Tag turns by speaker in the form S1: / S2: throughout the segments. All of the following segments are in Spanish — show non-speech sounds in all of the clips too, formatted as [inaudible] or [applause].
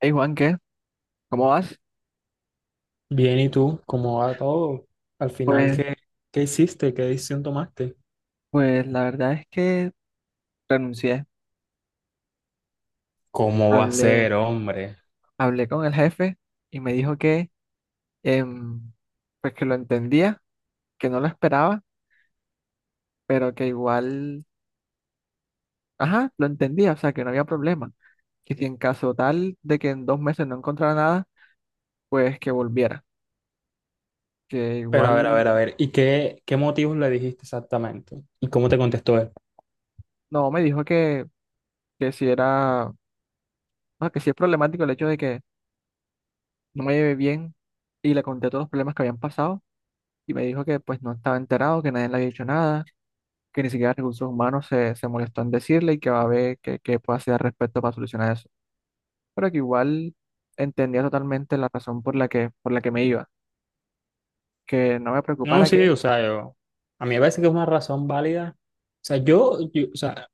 S1: Hey Juan, ¿qué? ¿Cómo vas?
S2: Bien, ¿y tú? ¿Cómo va todo? Al final,
S1: Pues,
S2: ¿qué hiciste? ¿Qué decisión tomaste?
S1: pues, la verdad es que renuncié.
S2: ¿Cómo va a
S1: Hablé,
S2: ser, hombre?
S1: hablé con el jefe y me dijo que, em, pues que lo entendía, que no lo esperaba, pero que igual, ajá, lo entendía, o sea, que no había problema. Que si en caso tal de que en 2 meses no encontrara nada, pues que volviera. Que
S2: Pero a ver, a
S1: igual,
S2: ver, a ver, ¿y qué motivos le dijiste exactamente? ¿Y cómo te contestó él?
S1: no, me dijo que, que si era, no, que si es problemático el hecho de que no me llevé bien y le conté todos los problemas que habían pasado y me dijo que pues no estaba enterado, que nadie le había dicho nada que ni siquiera recursos humanos se molestó en decirle y que va a ver qué puede hacer al respecto para solucionar eso. Pero que igual entendía totalmente la razón por la que me iba, que no me
S2: No,
S1: preocupara
S2: sí,
S1: que
S2: o sea, yo, a mí me parece que es una razón válida. O sea, yo, yo- o sea,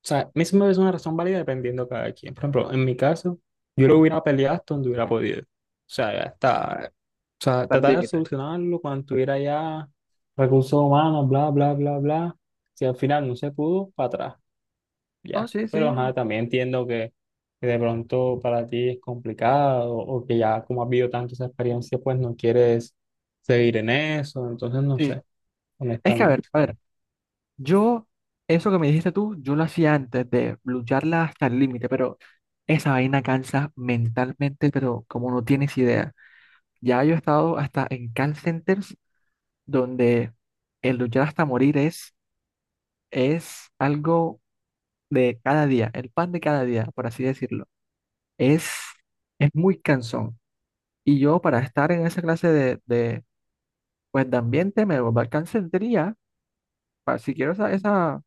S2: O sea, a mí se me parece una razón válida dependiendo de cada quien. Por ejemplo, en mi caso, yo lo hubiera peleado hasta donde hubiera podido. O sea, ya está. O sea,
S1: tal
S2: tratar de
S1: límite.
S2: solucionarlo cuando tuviera ya recursos humanos, bla, bla, bla, bla. Si al final no se pudo, para atrás,
S1: No,
S2: ya.
S1: sí,
S2: Pero
S1: sí,
S2: ajá, también entiendo que de pronto para ti es complicado o que ya como has vivido tanto esa experiencia, pues no quieres seguir en eso. Entonces, no
S1: sí.
S2: sé,
S1: Es que
S2: honestamente.
S1: a ver, yo, eso que me dijiste tú, yo lo hacía antes de lucharla hasta el límite, pero esa vaina cansa mentalmente, pero como no tienes idea. Ya yo he estado hasta en call centers donde el luchar hasta morir es algo de cada día, el pan de cada día, por así decirlo, es, es muy cansón. Y yo para estar en esa clase pues, de ambiente me alcanzaría, para, si quiero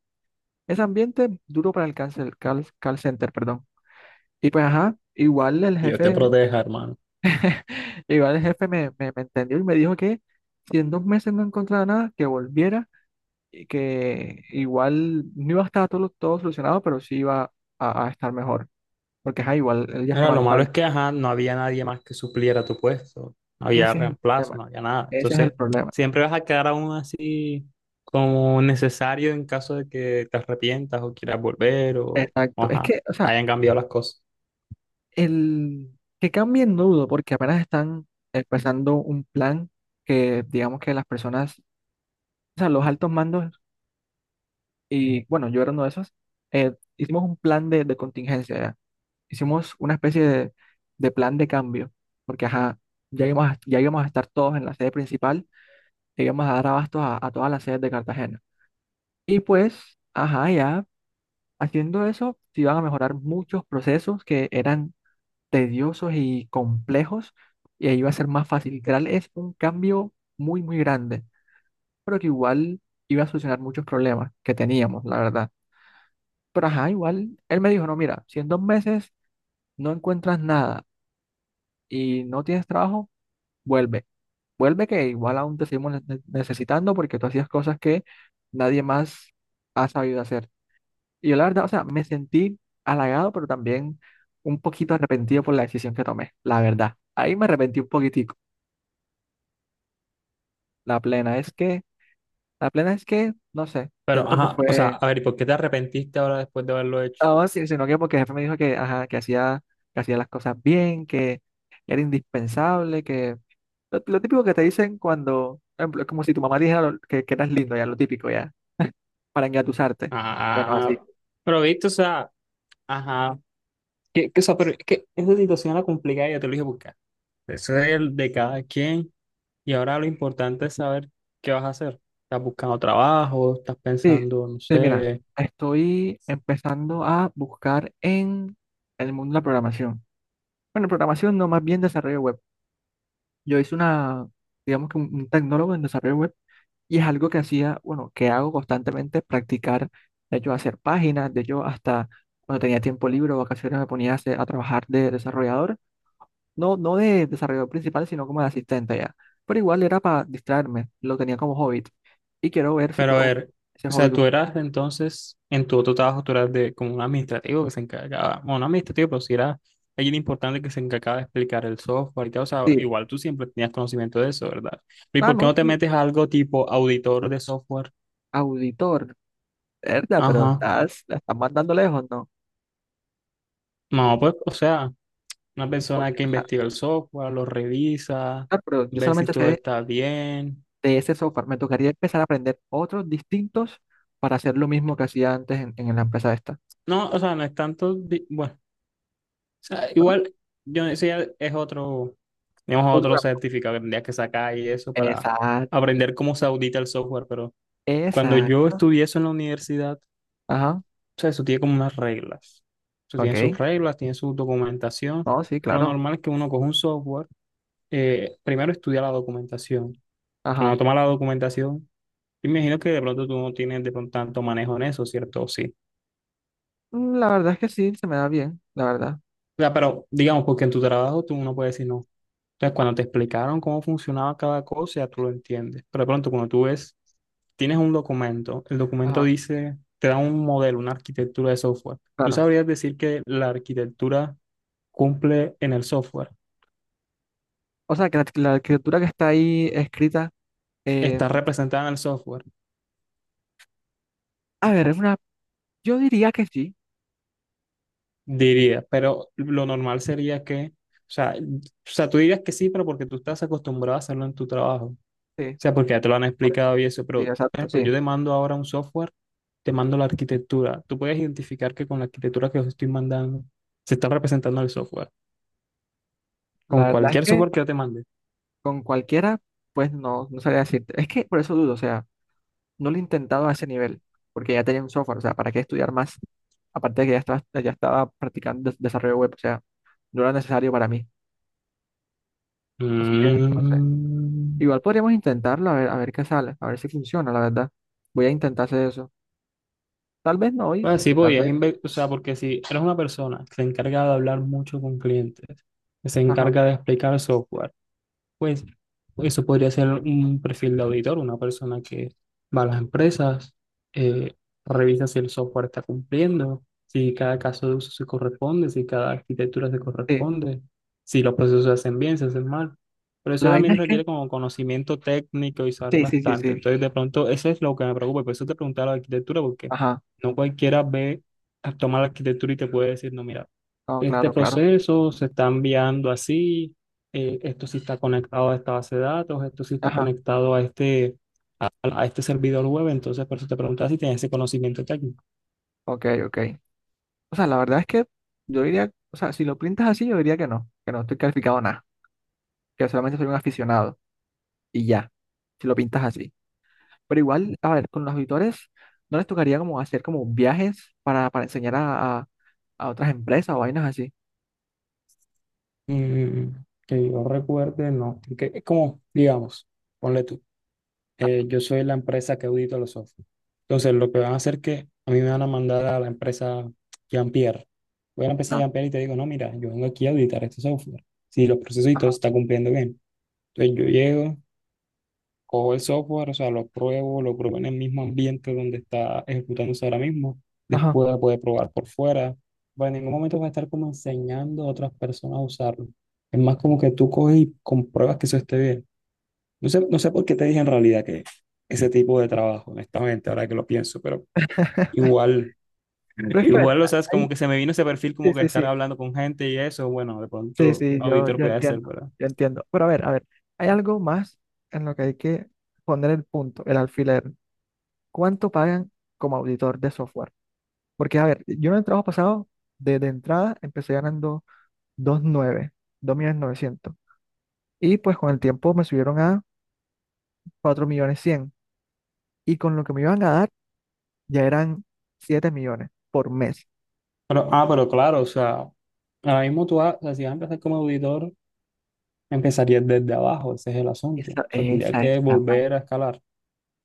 S1: ese ambiente duro para el call center, perdón. Y pues ajá, igual el
S2: Dios te
S1: jefe,
S2: proteja, hermano.
S1: [laughs] igual el jefe me entendió y me dijo que si en 2 meses no encontraba nada, que volviera y que igual no iba a estar todo solucionado, pero sí iba a estar mejor. Porque ajá, igual él ya
S2: Bueno,
S1: estaba
S2: lo
S1: al
S2: malo es
S1: tanto.
S2: que, ajá, no había nadie más que supliera tu puesto, no había
S1: Ese es el
S2: reemplazo,
S1: problema,
S2: no había nada.
S1: ese es el
S2: Entonces,
S1: problema.
S2: siempre vas a quedar aún así como necesario en caso de que te arrepientas o quieras volver o,
S1: Exacto. Es
S2: ajá,
S1: que, o sea,
S2: hayan cambiado las cosas.
S1: el que cambien no dudo, porque apenas están empezando un plan que digamos que las personas, o sea, los altos mandos, y bueno, yo era uno de esos, hicimos un plan de contingencia, ya. Hicimos una especie de plan de cambio, porque ajá, ya íbamos a estar todos en la sede principal, e íbamos a dar abastos a todas las sedes de Cartagena. Y pues, ajá, ya haciendo eso, se iban a mejorar muchos procesos que eran tediosos y complejos y ahí iba a ser más fácil. Literal, es un cambio muy, muy grande, pero que igual iba a solucionar muchos problemas que teníamos, la verdad. Pero ajá, igual él me dijo, no, mira, si en dos meses no encuentras nada y no tienes trabajo, vuelve. Vuelve que igual aún te seguimos necesitando porque tú hacías cosas que nadie más ha sabido hacer. Y yo la verdad, o sea, me sentí halagado, pero también un poquito arrepentido por la decisión que tomé, la verdad. Ahí me arrepentí un poquitico. La plena es que, la plena es que, no sé,
S2: Pero,
S1: siento que
S2: ajá, o sea,
S1: fue,
S2: a ver, ¿y por qué te arrepentiste ahora después de haberlo hecho?
S1: no, sino que porque el jefe me dijo que, ajá, que hacía las cosas bien, que era indispensable, que lo típico que te dicen cuando, por ejemplo, es como si tu mamá dijera que eras lindo, ya, lo típico, ya, [laughs] para engatusarte. Bueno,
S2: Ah,
S1: así.
S2: pero viste, o sea, ajá, que, o sea, pero es que esa situación la complicada, ya te lo dije, buscar. Eso es el de cada quien. Y ahora lo importante es saber qué vas a hacer. ¿Estás buscando trabajo? ¿Estás
S1: Sí,
S2: pensando, no
S1: sí, mira,
S2: sé?
S1: estoy empezando a buscar en el mundo de la programación. Bueno, programación no, más bien desarrollo web. Yo hice una, digamos que un tecnólogo en desarrollo web. Y es algo que hacía, bueno, que hago constantemente, practicar, de hecho, hacer páginas, de hecho, hasta cuando tenía tiempo libre o vacaciones me ponía a trabajar de desarrollador, no, no de desarrollador principal, sino como de asistente ya. Pero igual era para distraerme, lo tenía como hobby. Y quiero ver si
S2: Pero a
S1: puedo
S2: ver,
S1: ese
S2: o
S1: hobby.
S2: sea, tú eras entonces, en tu otro trabajo, tú eras de como un administrativo que se encargaba, bueno, no administrativo, pero sí era alguien importante que se encargaba de explicar el software y tal. O sea,
S1: Sí,
S2: igual tú siempre tenías conocimiento de eso, ¿verdad? ¿Y
S1: ah,
S2: por qué
S1: no,
S2: no te
S1: sí,
S2: metes a algo tipo auditor de software?
S1: auditor, verdad, pero
S2: Ajá.
S1: estás, la estás mandando lejos, ¿no?
S2: No, pues, o sea, una persona
S1: Porque,
S2: que
S1: o sea,
S2: investiga el software, lo revisa,
S1: ah, pero yo
S2: ve si
S1: solamente sé
S2: todo está bien.
S1: de ese software, me tocaría empezar a aprender otros distintos para hacer lo mismo que hacía antes en la empresa,
S2: No, o sea, no es tanto, bueno, o sea,
S1: ¿no?
S2: igual yo decía, es otro, digamos,
S1: Otro
S2: otro
S1: cap-
S2: certificado que tendrías que sacar y eso para
S1: Exacto,
S2: aprender cómo se audita el software, pero cuando yo
S1: exacto.
S2: estudié eso en la universidad,
S1: Ajá,
S2: o sea, eso tiene como unas reglas, eso tiene sus
S1: ok.
S2: reglas, tiene su documentación,
S1: No, sí,
S2: pero lo
S1: claro.
S2: normal es que uno coge un software, primero estudia la documentación, uno
S1: Ajá.
S2: toma la documentación, y me imagino que de pronto tú no tienes de pronto tanto manejo en eso, ¿cierto? Sí.
S1: La verdad es que sí, se me da bien, la verdad.
S2: O sea, pero digamos, porque en tu trabajo tú no puedes decir no. Entonces, cuando te explicaron cómo funcionaba cada cosa, ya tú lo entiendes. Pero de pronto, cuando tú ves, tienes un documento, el documento
S1: Ajá,
S2: dice, te da un modelo, una arquitectura de software. ¿Tú
S1: claro.
S2: sabrías decir que la arquitectura cumple en el software?
S1: O sea, que la escritura que está ahí escrita, eh,
S2: Está representada en el software,
S1: a ver, es una, yo diría que sí,
S2: diría, pero lo normal sería que, o sea, tú dirías que sí, pero porque tú estás acostumbrado a hacerlo en tu trabajo.
S1: sí,
S2: Sea, porque ya te lo han
S1: por eso.
S2: explicado y eso,
S1: Sí,
S2: pero, por
S1: exacto,
S2: ejemplo,
S1: sí.
S2: yo te mando ahora un software, te mando la arquitectura. Tú puedes identificar que con la arquitectura que os estoy mandando se está representando el software. Con
S1: La verdad es
S2: cualquier
S1: que
S2: software que yo te mande.
S1: con cualquiera, pues no, no sabría decirte. Es que por eso dudo, o sea, no lo he intentado a ese nivel, porque ya tenía un software, o sea, ¿para qué estudiar más? Aparte de que ya estaba practicando desarrollo web, o sea, no era necesario para mí. Así que, no sé.
S2: Mm.
S1: Igual podríamos intentarlo a ver qué sale, a ver si funciona, la verdad. Voy a intentar hacer eso. Tal vez no hoy,
S2: Pues sí,
S1: tal
S2: podías,
S1: vez.
S2: o sea, porque si eres una persona que se encarga de hablar mucho con clientes, que se
S1: Ajá.
S2: encarga de explicar software, pues eso podría ser un perfil de auditor, una persona que va a las empresas, eh, revisa si el software está cumpliendo, si cada caso de uso se corresponde, si cada arquitectura se
S1: Sí.
S2: corresponde, si los procesos se hacen bien, se hacen mal. Pero eso
S1: La vaina
S2: también
S1: es que.
S2: requiere como conocimiento técnico y saber
S1: Sí, sí, sí,
S2: bastante.
S1: sí.
S2: Entonces, de pronto, eso es lo que me preocupa. Por eso te preguntaba la arquitectura, porque
S1: Ajá.
S2: no cualquiera ve, toma la arquitectura y te puede decir, no, mira,
S1: No,
S2: este
S1: claro, claro.
S2: proceso se está enviando así, esto sí está conectado a esta base de datos, esto sí está
S1: Ajá.
S2: conectado a este, a este servidor web, entonces por eso te preguntaba si tienes ese conocimiento técnico.
S1: Ok, ok. O sea, la verdad es que yo diría, o sea, si lo pintas así, yo diría que no estoy calificado a nada, que solamente soy un aficionado y ya, si lo pintas así. Pero igual, a ver, con los auditores, ¿no les tocaría como hacer como viajes para enseñar a otras empresas o vainas así?
S2: Mm, que yo recuerde, no, que es como, digamos, ponle tú, yo soy la empresa que audita los software. Entonces lo que van a hacer es que a mí me van a mandar a la empresa Jean-Pierre. Voy a la empresa
S1: Ajá.
S2: Jean-Pierre y te digo, no, mira, yo vengo aquí a auditar este software. Si los procesos y todo se
S1: Ajá.
S2: está cumpliendo bien. Entonces yo llego, cojo el software, o sea, lo pruebo en el mismo ambiente donde está ejecutándose ahora mismo,
S1: Ajá.
S2: después lo puede probar por fuera, pero en ningún momento va a estar como enseñando a otras personas a usarlo. Es más como que tú coges y compruebas que eso esté bien. No sé, no sé por qué te dije en realidad que ese tipo de trabajo, honestamente, ahora que lo pienso, pero
S1: [laughs]
S2: igual, [laughs]
S1: Pero es que, a ver,
S2: igual, o sea, es como
S1: hay-
S2: que se me vino ese perfil
S1: sí,
S2: como que
S1: sí,
S2: estar
S1: sí,
S2: hablando con gente y eso, bueno, de
S1: sí,
S2: pronto
S1: sí, yo,
S2: auditor
S1: yo
S2: puede ser,
S1: entiendo,
S2: ¿verdad?
S1: yo entiendo. Pero a ver, hay algo más en lo que hay que poner el punto, el alfiler. ¿Cuánto pagan como auditor de software? Porque, a ver, yo en el trabajo pasado, desde entrada, empecé ganando dos dos nueve, dos millones novecientos. Y pues con el tiempo me subieron a cuatro millones cien. Y con lo que me iban a dar, ya eran 7 millones por mes.
S2: Pero, ah, pero claro, o sea, ahora mismo tú, o sea, si vas a empezar como auditor, empezaría desde abajo, ese es el asunto. O
S1: Esa,
S2: sea, tendría
S1: esa
S2: que
S1: es la parte,
S2: volver a escalar,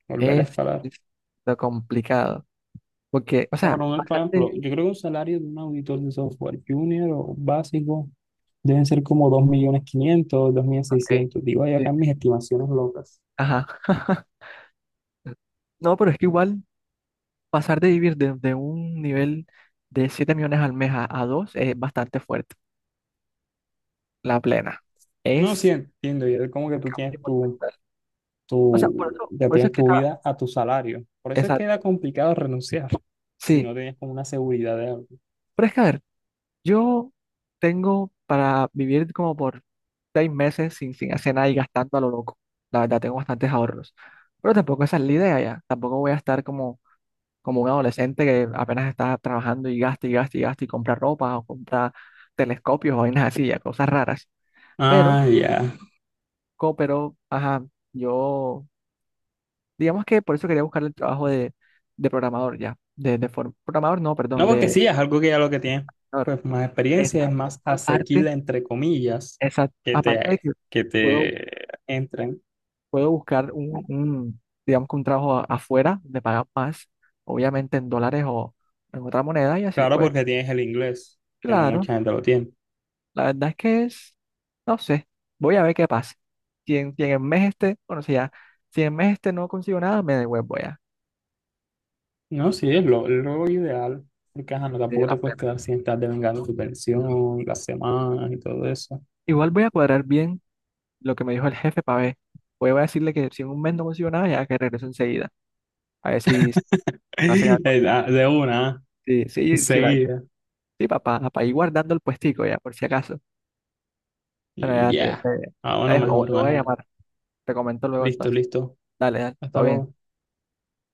S2: volver a
S1: es,
S2: escalar. O
S1: es lo complicado. Porque, o
S2: sea,
S1: sea,
S2: para un, por ejemplo, yo
S1: pasaste
S2: creo que un salario de un auditor de software junior o básico deben ser como 2.500.000,
S1: ok,
S2: seiscientos. Digo, ahí
S1: sí.
S2: acá mis estimaciones locas.
S1: Ajá. [laughs] No, pero es que igual pasar de vivir de un nivel de 7 millones al mes a 2 es bastante fuerte. La plena.
S2: No, sí,
S1: Es
S2: entiendo. Ya es como que tú tienes tu,
S1: monumental. O sea, por
S2: tu,
S1: eso,
S2: ya
S1: por eso es
S2: tienes
S1: que
S2: tu
S1: está.
S2: vida a tu salario. Por eso es que era
S1: Exacto.
S2: complicado renunciar [laughs] si
S1: Sí.
S2: no tenías como una seguridad de algo.
S1: Pero es que, a ver, yo tengo para vivir como por 6 meses sin hacer nada y gastando a lo loco. La verdad, tengo bastantes ahorros. Pero tampoco esa es la idea ya. Tampoco voy a estar como como un adolescente que apenas está trabajando y gasta y gasta y gasta y compra ropa o compra telescopios o vainas así, ya, cosas raras. Pero,
S2: Ah, ya.
S1: pero, ajá, yo, digamos que por eso quería buscar el trabajo de programador ya, de, programador, no, perdón,
S2: No, porque
S1: de...
S2: sí, es algo que ya lo que tienes pues más experiencia, es
S1: Exacto.
S2: más
S1: Aparte,
S2: asequible, entre comillas,
S1: exacto,
S2: que
S1: aparte de
S2: te,
S1: que
S2: que
S1: puedo,
S2: te entren.
S1: puedo buscar un, digamos que un trabajo afuera, me pagan más, obviamente en dólares o en otra moneda y así,
S2: Claro,
S1: pues,
S2: porque tienes el inglés, que no
S1: claro.
S2: mucha gente lo tiene.
S1: La verdad es que es, no sé, voy a ver qué pasa. Si en el mes este, bueno, si ya, si en el mes este no consigo nada, me devuelvo ya.
S2: No, sí, es lo ideal, porque ajá, no,
S1: De
S2: tampoco
S1: la
S2: te puedes
S1: plena.
S2: quedar sin estar devengando tu pensión, las semanas y todo eso.
S1: Igual voy a cuadrar bien lo que me dijo el jefe para ver. Voy a decirle que si en un mes no consigo nada, ya que regreso enseguida. A ver si
S2: [laughs]
S1: hacen algo.
S2: De de una,
S1: Sí, sí, sí,
S2: enseguida.
S1: sí, papá, para ir guardando el puestico ya, por si acaso. Pero
S2: Y
S1: ya te,
S2: ya.
S1: te-
S2: Ah,
S1: te
S2: bueno,
S1: dejo,
S2: mejor,
S1: lo voy a
S2: mejor.
S1: llamar. Te comento luego
S2: Listo,
S1: entonces.
S2: listo.
S1: Dale, dale,
S2: Hasta
S1: todo bien.
S2: luego.